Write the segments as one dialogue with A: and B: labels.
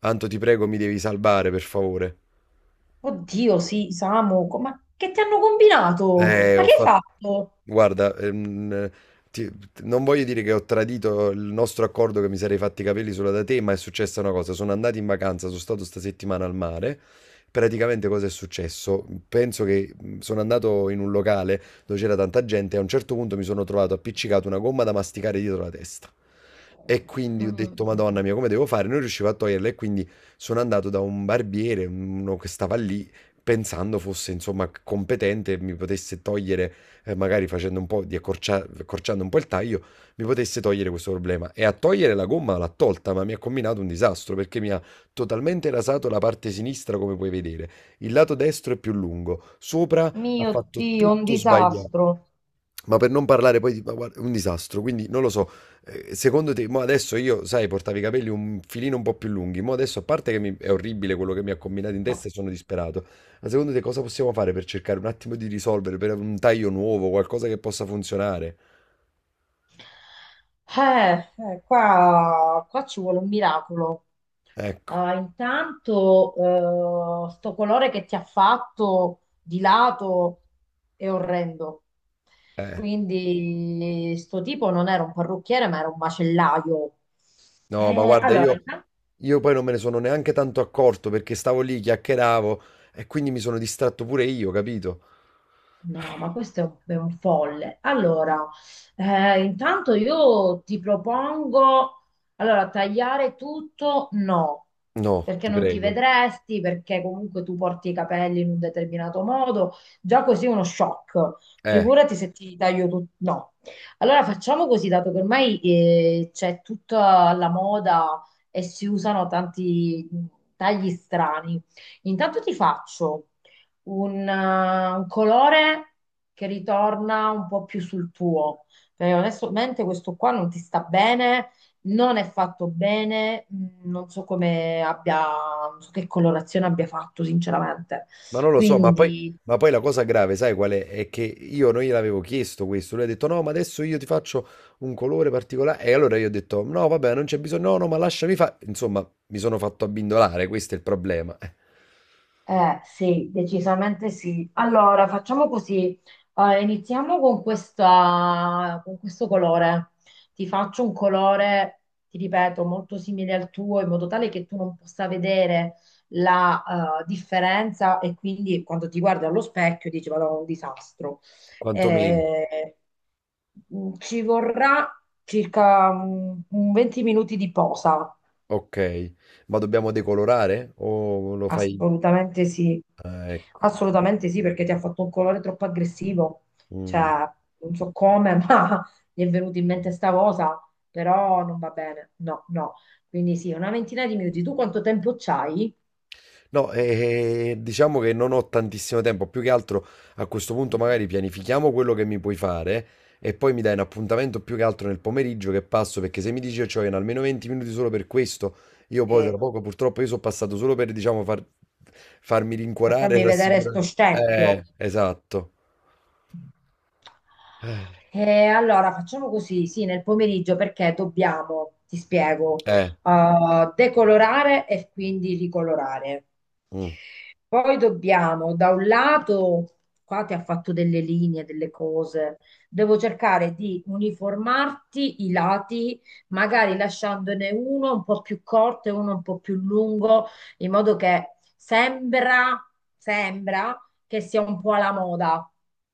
A: Anto, ti prego, mi devi salvare, per favore.
B: Oddio, sì, Samu, ma che ti hanno combinato? Ma
A: Ho
B: che hai
A: fatto
B: fatto?
A: Guarda, ti- non voglio dire che ho tradito il nostro accordo che mi sarei fatti i capelli solo da te, ma è successa una cosa. Sono andato in vacanza, sono stato sta settimana al mare. Praticamente cosa è successo? Penso che sono andato in un locale dove c'era tanta gente e a un certo punto mi sono trovato appiccicato una gomma da masticare dietro la testa. E quindi ho detto,
B: Mm.
A: Madonna mia, come devo fare? Non riuscivo a toglierla e quindi sono andato da un barbiere, uno che stava lì, pensando fosse, insomma, competente e mi potesse togliere magari facendo un po' di accorciando un po' il taglio, mi potesse togliere questo problema. E a togliere la gomma l'ha tolta, ma mi ha combinato un disastro perché mi ha totalmente rasato la parte sinistra, come puoi vedere. Il lato destro è più lungo, sopra ha
B: Mio
A: fatto
B: Dio, un
A: tutto sbagliato.
B: disastro.
A: Ma per non parlare poi di ma guarda, un disastro, quindi non lo so, secondo te, mo adesso io, sai, portavo i capelli un filino un po' più lunghi, mo adesso a parte che è orribile quello che mi ha combinato in
B: No.
A: testa e sono disperato, ma secondo te cosa possiamo fare per cercare un attimo di risolvere, per un taglio nuovo, qualcosa che possa funzionare?
B: Qua ci vuole un miracolo.
A: Ecco,
B: Ah, intanto, sto colore che ti ha fatto di lato è orrendo.
A: eh.
B: Quindi, sto tipo non era un parrucchiere, ma era un macellaio.
A: No, ma guarda,
B: Allora.
A: io, poi non me ne sono neanche tanto accorto perché stavo lì, chiacchieravo e quindi mi sono distratto pure io, capito?
B: No, ma questo è un folle. Allora, intanto io ti propongo, allora, tagliare tutto? No,
A: No,
B: perché
A: ti
B: non ti
A: prego.
B: vedresti, perché comunque tu porti i capelli in un determinato modo, già così è uno shock.
A: Eh.
B: Figurati se ti taglio tutto. No. Allora facciamo così, dato che ormai c'è tutta la moda e si usano tanti tagli strani. Intanto ti faccio un, eh, un colore che ritorna un po' più sul tuo. Perché onestamente questo qua non ti sta bene, non è fatto bene, non so come abbia, non so che colorazione abbia fatto, sinceramente.
A: Ma non lo so, ma poi,
B: Quindi.
A: ma poi la cosa grave, sai qual è? È che io non gliel'avevo chiesto questo. Lui ha detto: No, ma adesso io ti faccio un colore particolare. E allora io ho detto: No, vabbè, non c'è bisogno. No, no, ma lasciami fare. Insomma, mi sono fatto abbindolare. Questo è il problema.
B: Eh sì, decisamente sì. Allora, facciamo così. Iniziamo con questa, con questo colore. Ti faccio un colore, ti ripeto, molto simile al tuo, in modo tale che tu non possa vedere la differenza e quindi quando ti guardi allo specchio dici, vado un disastro.
A: Sì. Quantomeno.
B: Eh, Ci vorrà circa un 20 minuti di posa.
A: Ok, ma dobbiamo decolorare? O lo fai?
B: Assolutamente sì,
A: Ah, ecco.
B: assolutamente sì, perché ti ha fatto un colore troppo aggressivo, cioè
A: Mm.
B: non so come, ma gli è venuta in mente sta cosa, però non va bene, no, no. Quindi sì, una ventina di minuti. Tu quanto tempo c'hai
A: No, diciamo che non ho tantissimo tempo, più che altro a questo punto magari pianifichiamo quello che mi puoi fare e poi mi dai un appuntamento più che altro nel pomeriggio che passo, perché se mi dici che in almeno 20 minuti solo per questo, io poi tra
B: eh,
A: poco purtroppo io sono passato solo per, diciamo, farmi
B: per
A: rincuorare e
B: farmi vedere sto
A: rassicurare.
B: scempio?
A: Esatto. Eh,
B: Allora, facciamo così, sì, nel pomeriggio perché dobbiamo, ti spiego,
A: eh,
B: decolorare e quindi ricolorare.
A: mm,
B: Poi dobbiamo, da un lato, qua ti ha fatto delle linee, delle cose, devo cercare di uniformarti i lati, magari lasciandone uno un po' più corto e uno un po' più lungo, in modo che sembra che sia un po' alla moda.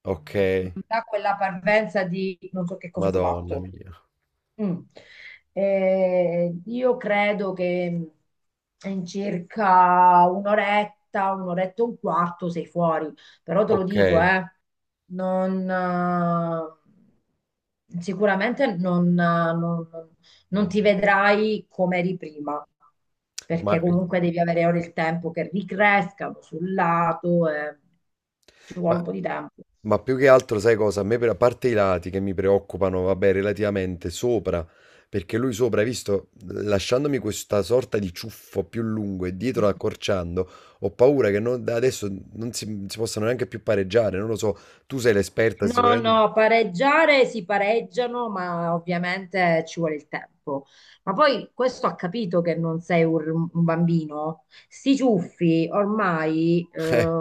A: ok,
B: Non dà quella parvenza di non so che cosa ho
A: Madonna
B: fatto.
A: mia.
B: Mm. Io credo che in circa un'oretta, un'oretta e un quarto sei fuori, però te lo
A: Ok,
B: dico, non, sicuramente non ti vedrai come eri prima.
A: ma,
B: Perché comunque devi avere ora il tempo che ricrescano sul lato, e ci vuole un
A: ma
B: po' di tempo.
A: Ma più che altro, sai cosa? A me, per, a parte i lati che mi preoccupano, vabbè, relativamente sopra, perché lui sopra, hai visto, lasciandomi questa sorta di ciuffo più lungo e dietro accorciando, ho paura che da adesso non si possano neanche più pareggiare. Non lo so, tu sei l'esperta
B: No,
A: sicuramente.
B: no, pareggiare si pareggiano, ma ovviamente ci vuole il tempo. Ma poi questo ha capito che non sei un bambino. Sti ciuffi ormai
A: Eh,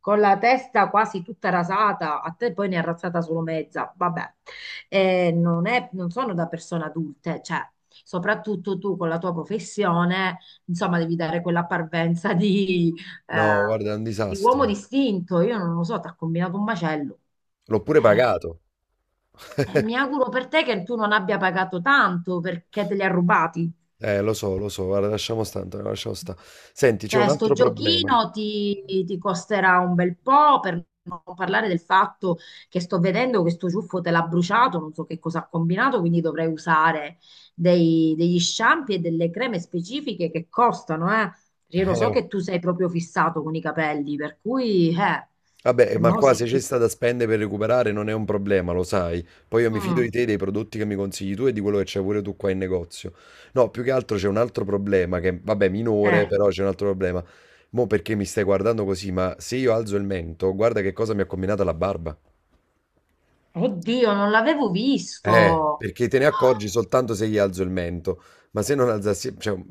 B: con la testa quasi tutta rasata, a te poi ne è rasata solo mezza, vabbè. Non è- non sono da persone adulte, cioè, soprattutto tu con la tua professione, insomma, devi dare quella parvenza di,
A: no,
B: eh,
A: guarda, è un
B: di uomo
A: disastro.
B: distinto. Io non lo so, ti ha combinato un macello.
A: L'ho pure pagato.
B: Mi auguro per te che tu non abbia pagato tanto perché te li ha rubati.
A: Lo so, guarda, lasciamo stare, Antonio, lasciamo stare. Senti, c'è
B: Cioè,
A: un
B: sto
A: altro problema.
B: giochino ti costerà un bel po', per non parlare del fatto che sto vedendo che sto ciuffo te l'ha bruciato, non so che cosa ha combinato, quindi dovrei usare degli shampoo e delle creme specifiche che costano, eh. Io lo so
A: Eh,
B: che tu sei proprio fissato con i capelli, per cui,
A: Vabbè,
B: e
A: ma
B: mo
A: qua, ecco,
B: sì.
A: se c'è sta da spendere per recuperare non è un problema, lo sai. Poi io mi fido di
B: Mm,
A: te, dei prodotti che mi consigli tu e di quello che c'è pure tu qua in negozio. No, più che altro c'è un altro problema che, vabbè, minore,
B: eh.
A: però c'è un altro problema. Mo' perché mi stai guardando così, ma se io alzo il mento, guarda che cosa mi ha combinato la barba.
B: Oddio, non l'avevo visto.
A: Perché te ne accorgi soltanto se gli alzo il mento, ma se non alzassi, cioè,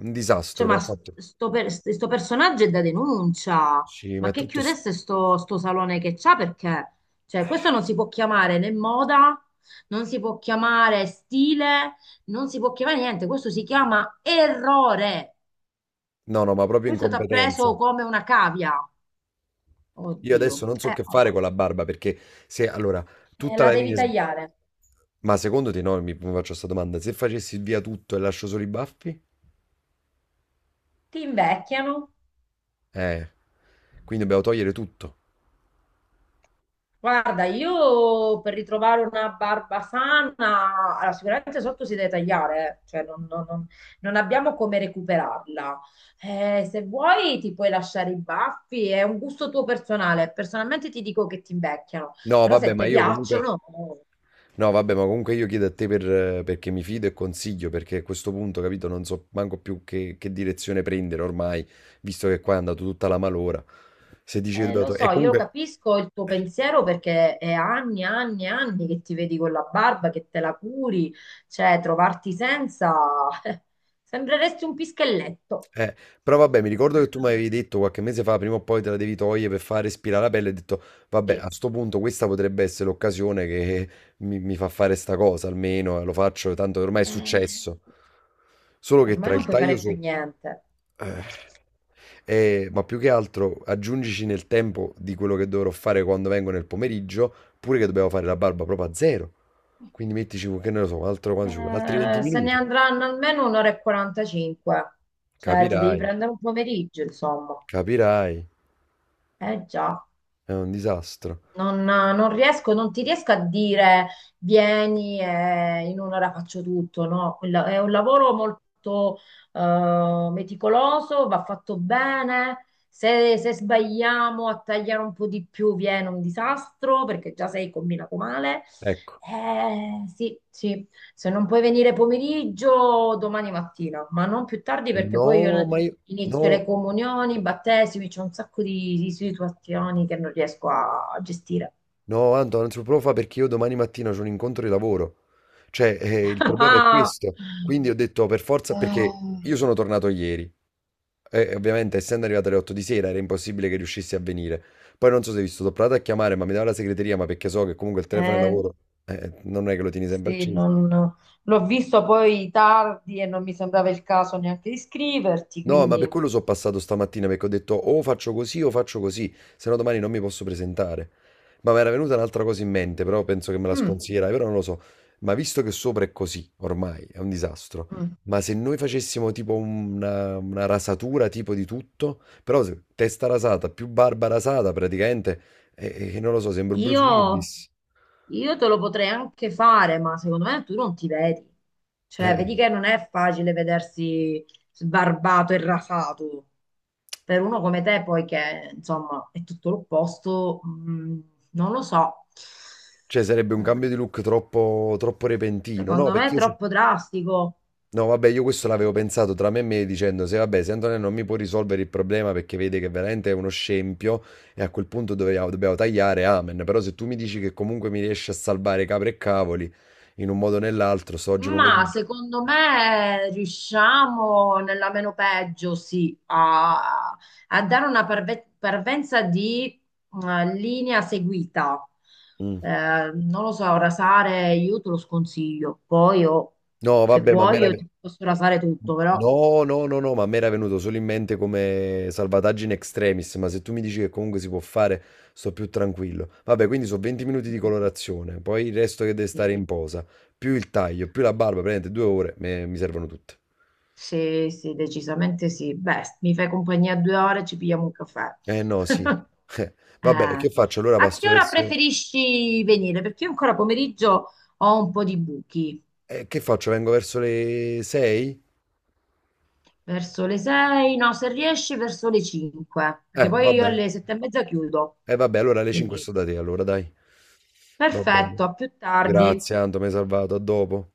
A: un
B: Cioè,
A: disastro,
B: ma
A: ha fatto.
B: sto personaggio è da denuncia.
A: Sì, ma
B: Ma
A: è
B: che
A: tutto.
B: chiudesse sto salone che c'ha perché? Cioè, questo non si può chiamare né moda, non si può chiamare stile, non si può chiamare niente. Questo si chiama errore.
A: No, no, ma proprio
B: Questo ti ha
A: incompetenza.
B: preso come una cavia.
A: Io adesso
B: Oddio.
A: non so che fare con la barba perché se allora tutta
B: La
A: la
B: devi
A: linea.
B: tagliare.
A: Ma secondo te no? Mi faccio questa domanda. Se facessi via tutto e lascio solo i baffi?
B: Ti invecchiano.
A: Eh, quindi dobbiamo togliere tutto.
B: Guarda, io per ritrovare una barba sana, allora, sicuramente sotto si deve tagliare, cioè non abbiamo come recuperarla. Se vuoi ti puoi lasciare i baffi, è un gusto tuo personale. Personalmente ti dico che ti invecchiano,
A: No,
B: però
A: vabbè,
B: se
A: ma
B: ti
A: io comunque.
B: piacciono.
A: No, vabbè, ma comunque io chiedo a te per, perché mi fido e consiglio, perché a questo punto, capito, non so manco più che direzione prendere ormai, visto che qua è andato tutta la malora. Se dici che dobbiamo
B: Lo
A: togliere. E
B: so, io
A: comunque.
B: capisco il tuo pensiero perché è anni, anni, anni che ti vedi con la barba, che te la curi, cioè trovarti senza... sembreresti un pischelletto.
A: Eh, però vabbè, mi ricordo che tu mi avevi detto qualche mese fa, prima o poi te la devi togliere per fare respirare la pelle, e ho detto, vabbè,
B: Sì.
A: a sto punto questa potrebbe essere l'occasione che mi fa fare sta cosa, almeno lo faccio, tanto ormai è
B: Eh,
A: successo. Solo che
B: Ormai
A: tra
B: non
A: il
B: puoi
A: taglio
B: fare più
A: sopra...
B: niente.
A: ma più che altro aggiungici nel tempo di quello che dovrò fare quando vengo nel pomeriggio, pure che dobbiamo fare la barba proprio a zero. Quindi mettici, che ne lo so, altro, quanto ci vuole? Altri 20
B: Se ne
A: minuti.
B: andranno almeno un'ora e 45, cioè ti devi
A: Capirai,
B: prendere un pomeriggio, insomma.
A: capirai,
B: Eh già.
A: è un disastro.
B: Non ti riesco a dire vieni e in un'ora faccio tutto, no? È un lavoro molto meticoloso, va fatto bene. Se sbagliamo a tagliare un po' di più viene un disastro perché già sei combinato male.
A: Ecco.
B: Sì, sì, se non puoi venire pomeriggio, domani mattina, ma non più tardi perché
A: No,
B: poi io
A: ma io.
B: inizio
A: No,
B: le comunioni, i battesimi, c'è un sacco di situazioni che non riesco a gestire.
A: no, Anto, non si può fare perché io domani mattina ho un incontro di lavoro. Cioè, il problema è questo. Quindi ho detto per forza, perché
B: Eh.
A: io sono tornato ieri. E ovviamente, essendo arrivato alle 8 di sera, era impossibile che riuscissi a venire. Poi non so se hai visto, ho provato a chiamare, ma mi dava la segreteria, ma perché so che comunque il telefono è
B: Eh,
A: lavoro, non è che lo tieni sempre
B: sì,
A: acceso.
B: l'ho visto poi tardi e non mi sembrava il caso neanche di scriverti,
A: No, ma per
B: quindi...
A: quello sono passato stamattina perché ho detto o faccio così, se no domani non mi posso presentare. Ma mi era venuta un'altra cosa in mente, però penso che me la
B: Mm,
A: sconsiglierai, però non lo so. Ma visto che sopra è così, ormai è un disastro.
B: mm.
A: Ma se noi facessimo tipo una rasatura tipo di tutto, però testa rasata, più barba rasata praticamente, e non lo so, sembro Bruce
B: Io,
A: Willis.
B: io te lo potrei anche fare, ma secondo me tu non ti vedi. Cioè,
A: Eh,
B: vedi che non è facile vedersi sbarbato e rasato. Per uno come te, poi che, insomma, è tutto l'opposto, non lo so.
A: cioè sarebbe un cambio di look troppo, troppo repentino, no?
B: Secondo me
A: Perché
B: è
A: io so.
B: troppo drastico.
A: No, vabbè, io questo l'avevo pensato tra me e me dicendo se vabbè, se Antonello non mi può risolvere il problema perché vede che veramente è uno scempio e a quel punto dobbiamo, tagliare, amen. Però se tu mi dici che comunque mi riesci a salvare capre e cavoli in un modo o nell'altro, so oggi
B: Ma
A: pomeriggio.
B: secondo me riusciamo nella meno peggio, sì, a dare una parvenza di linea seguita.
A: Mm.
B: Eh, Non lo so, rasare io te lo sconsiglio. Poi io,
A: No,
B: se
A: vabbè, ma
B: vuoi, io
A: meraviglioso.
B: ti posso rasare tutto, però
A: No, no, no, no, ma a me era venuto solo in mente come salvataggio in extremis, ma se tu mi dici che comunque si può fare, sto più tranquillo. Vabbè, quindi sono 20 minuti di colorazione, poi il resto che deve stare
B: sì,
A: in posa, più il taglio, più la barba, praticamente 2 ore, mi servono tutte.
B: sì, sì, decisamente sì. Beh, mi fai compagnia 2 ore e ci pigliamo un caffè.
A: Eh no, sì. Eh,
B: Eh,
A: vabbè, e che faccio? Allora
B: A che
A: passo
B: ora
A: verso.
B: preferisci venire? Perché io ancora pomeriggio ho un po' di buchi.
A: Che faccio? Vengo verso le 6?
B: Verso le 6, no, se riesci verso le 5, perché poi io
A: Vabbè.
B: alle 7 e mezza chiudo.
A: Vabbè, allora alle 5
B: Quindi
A: sto da te, allora dai. Va bene.
B: perfetto, a più tardi.
A: Grazie, Anto, mi hai salvato, a dopo.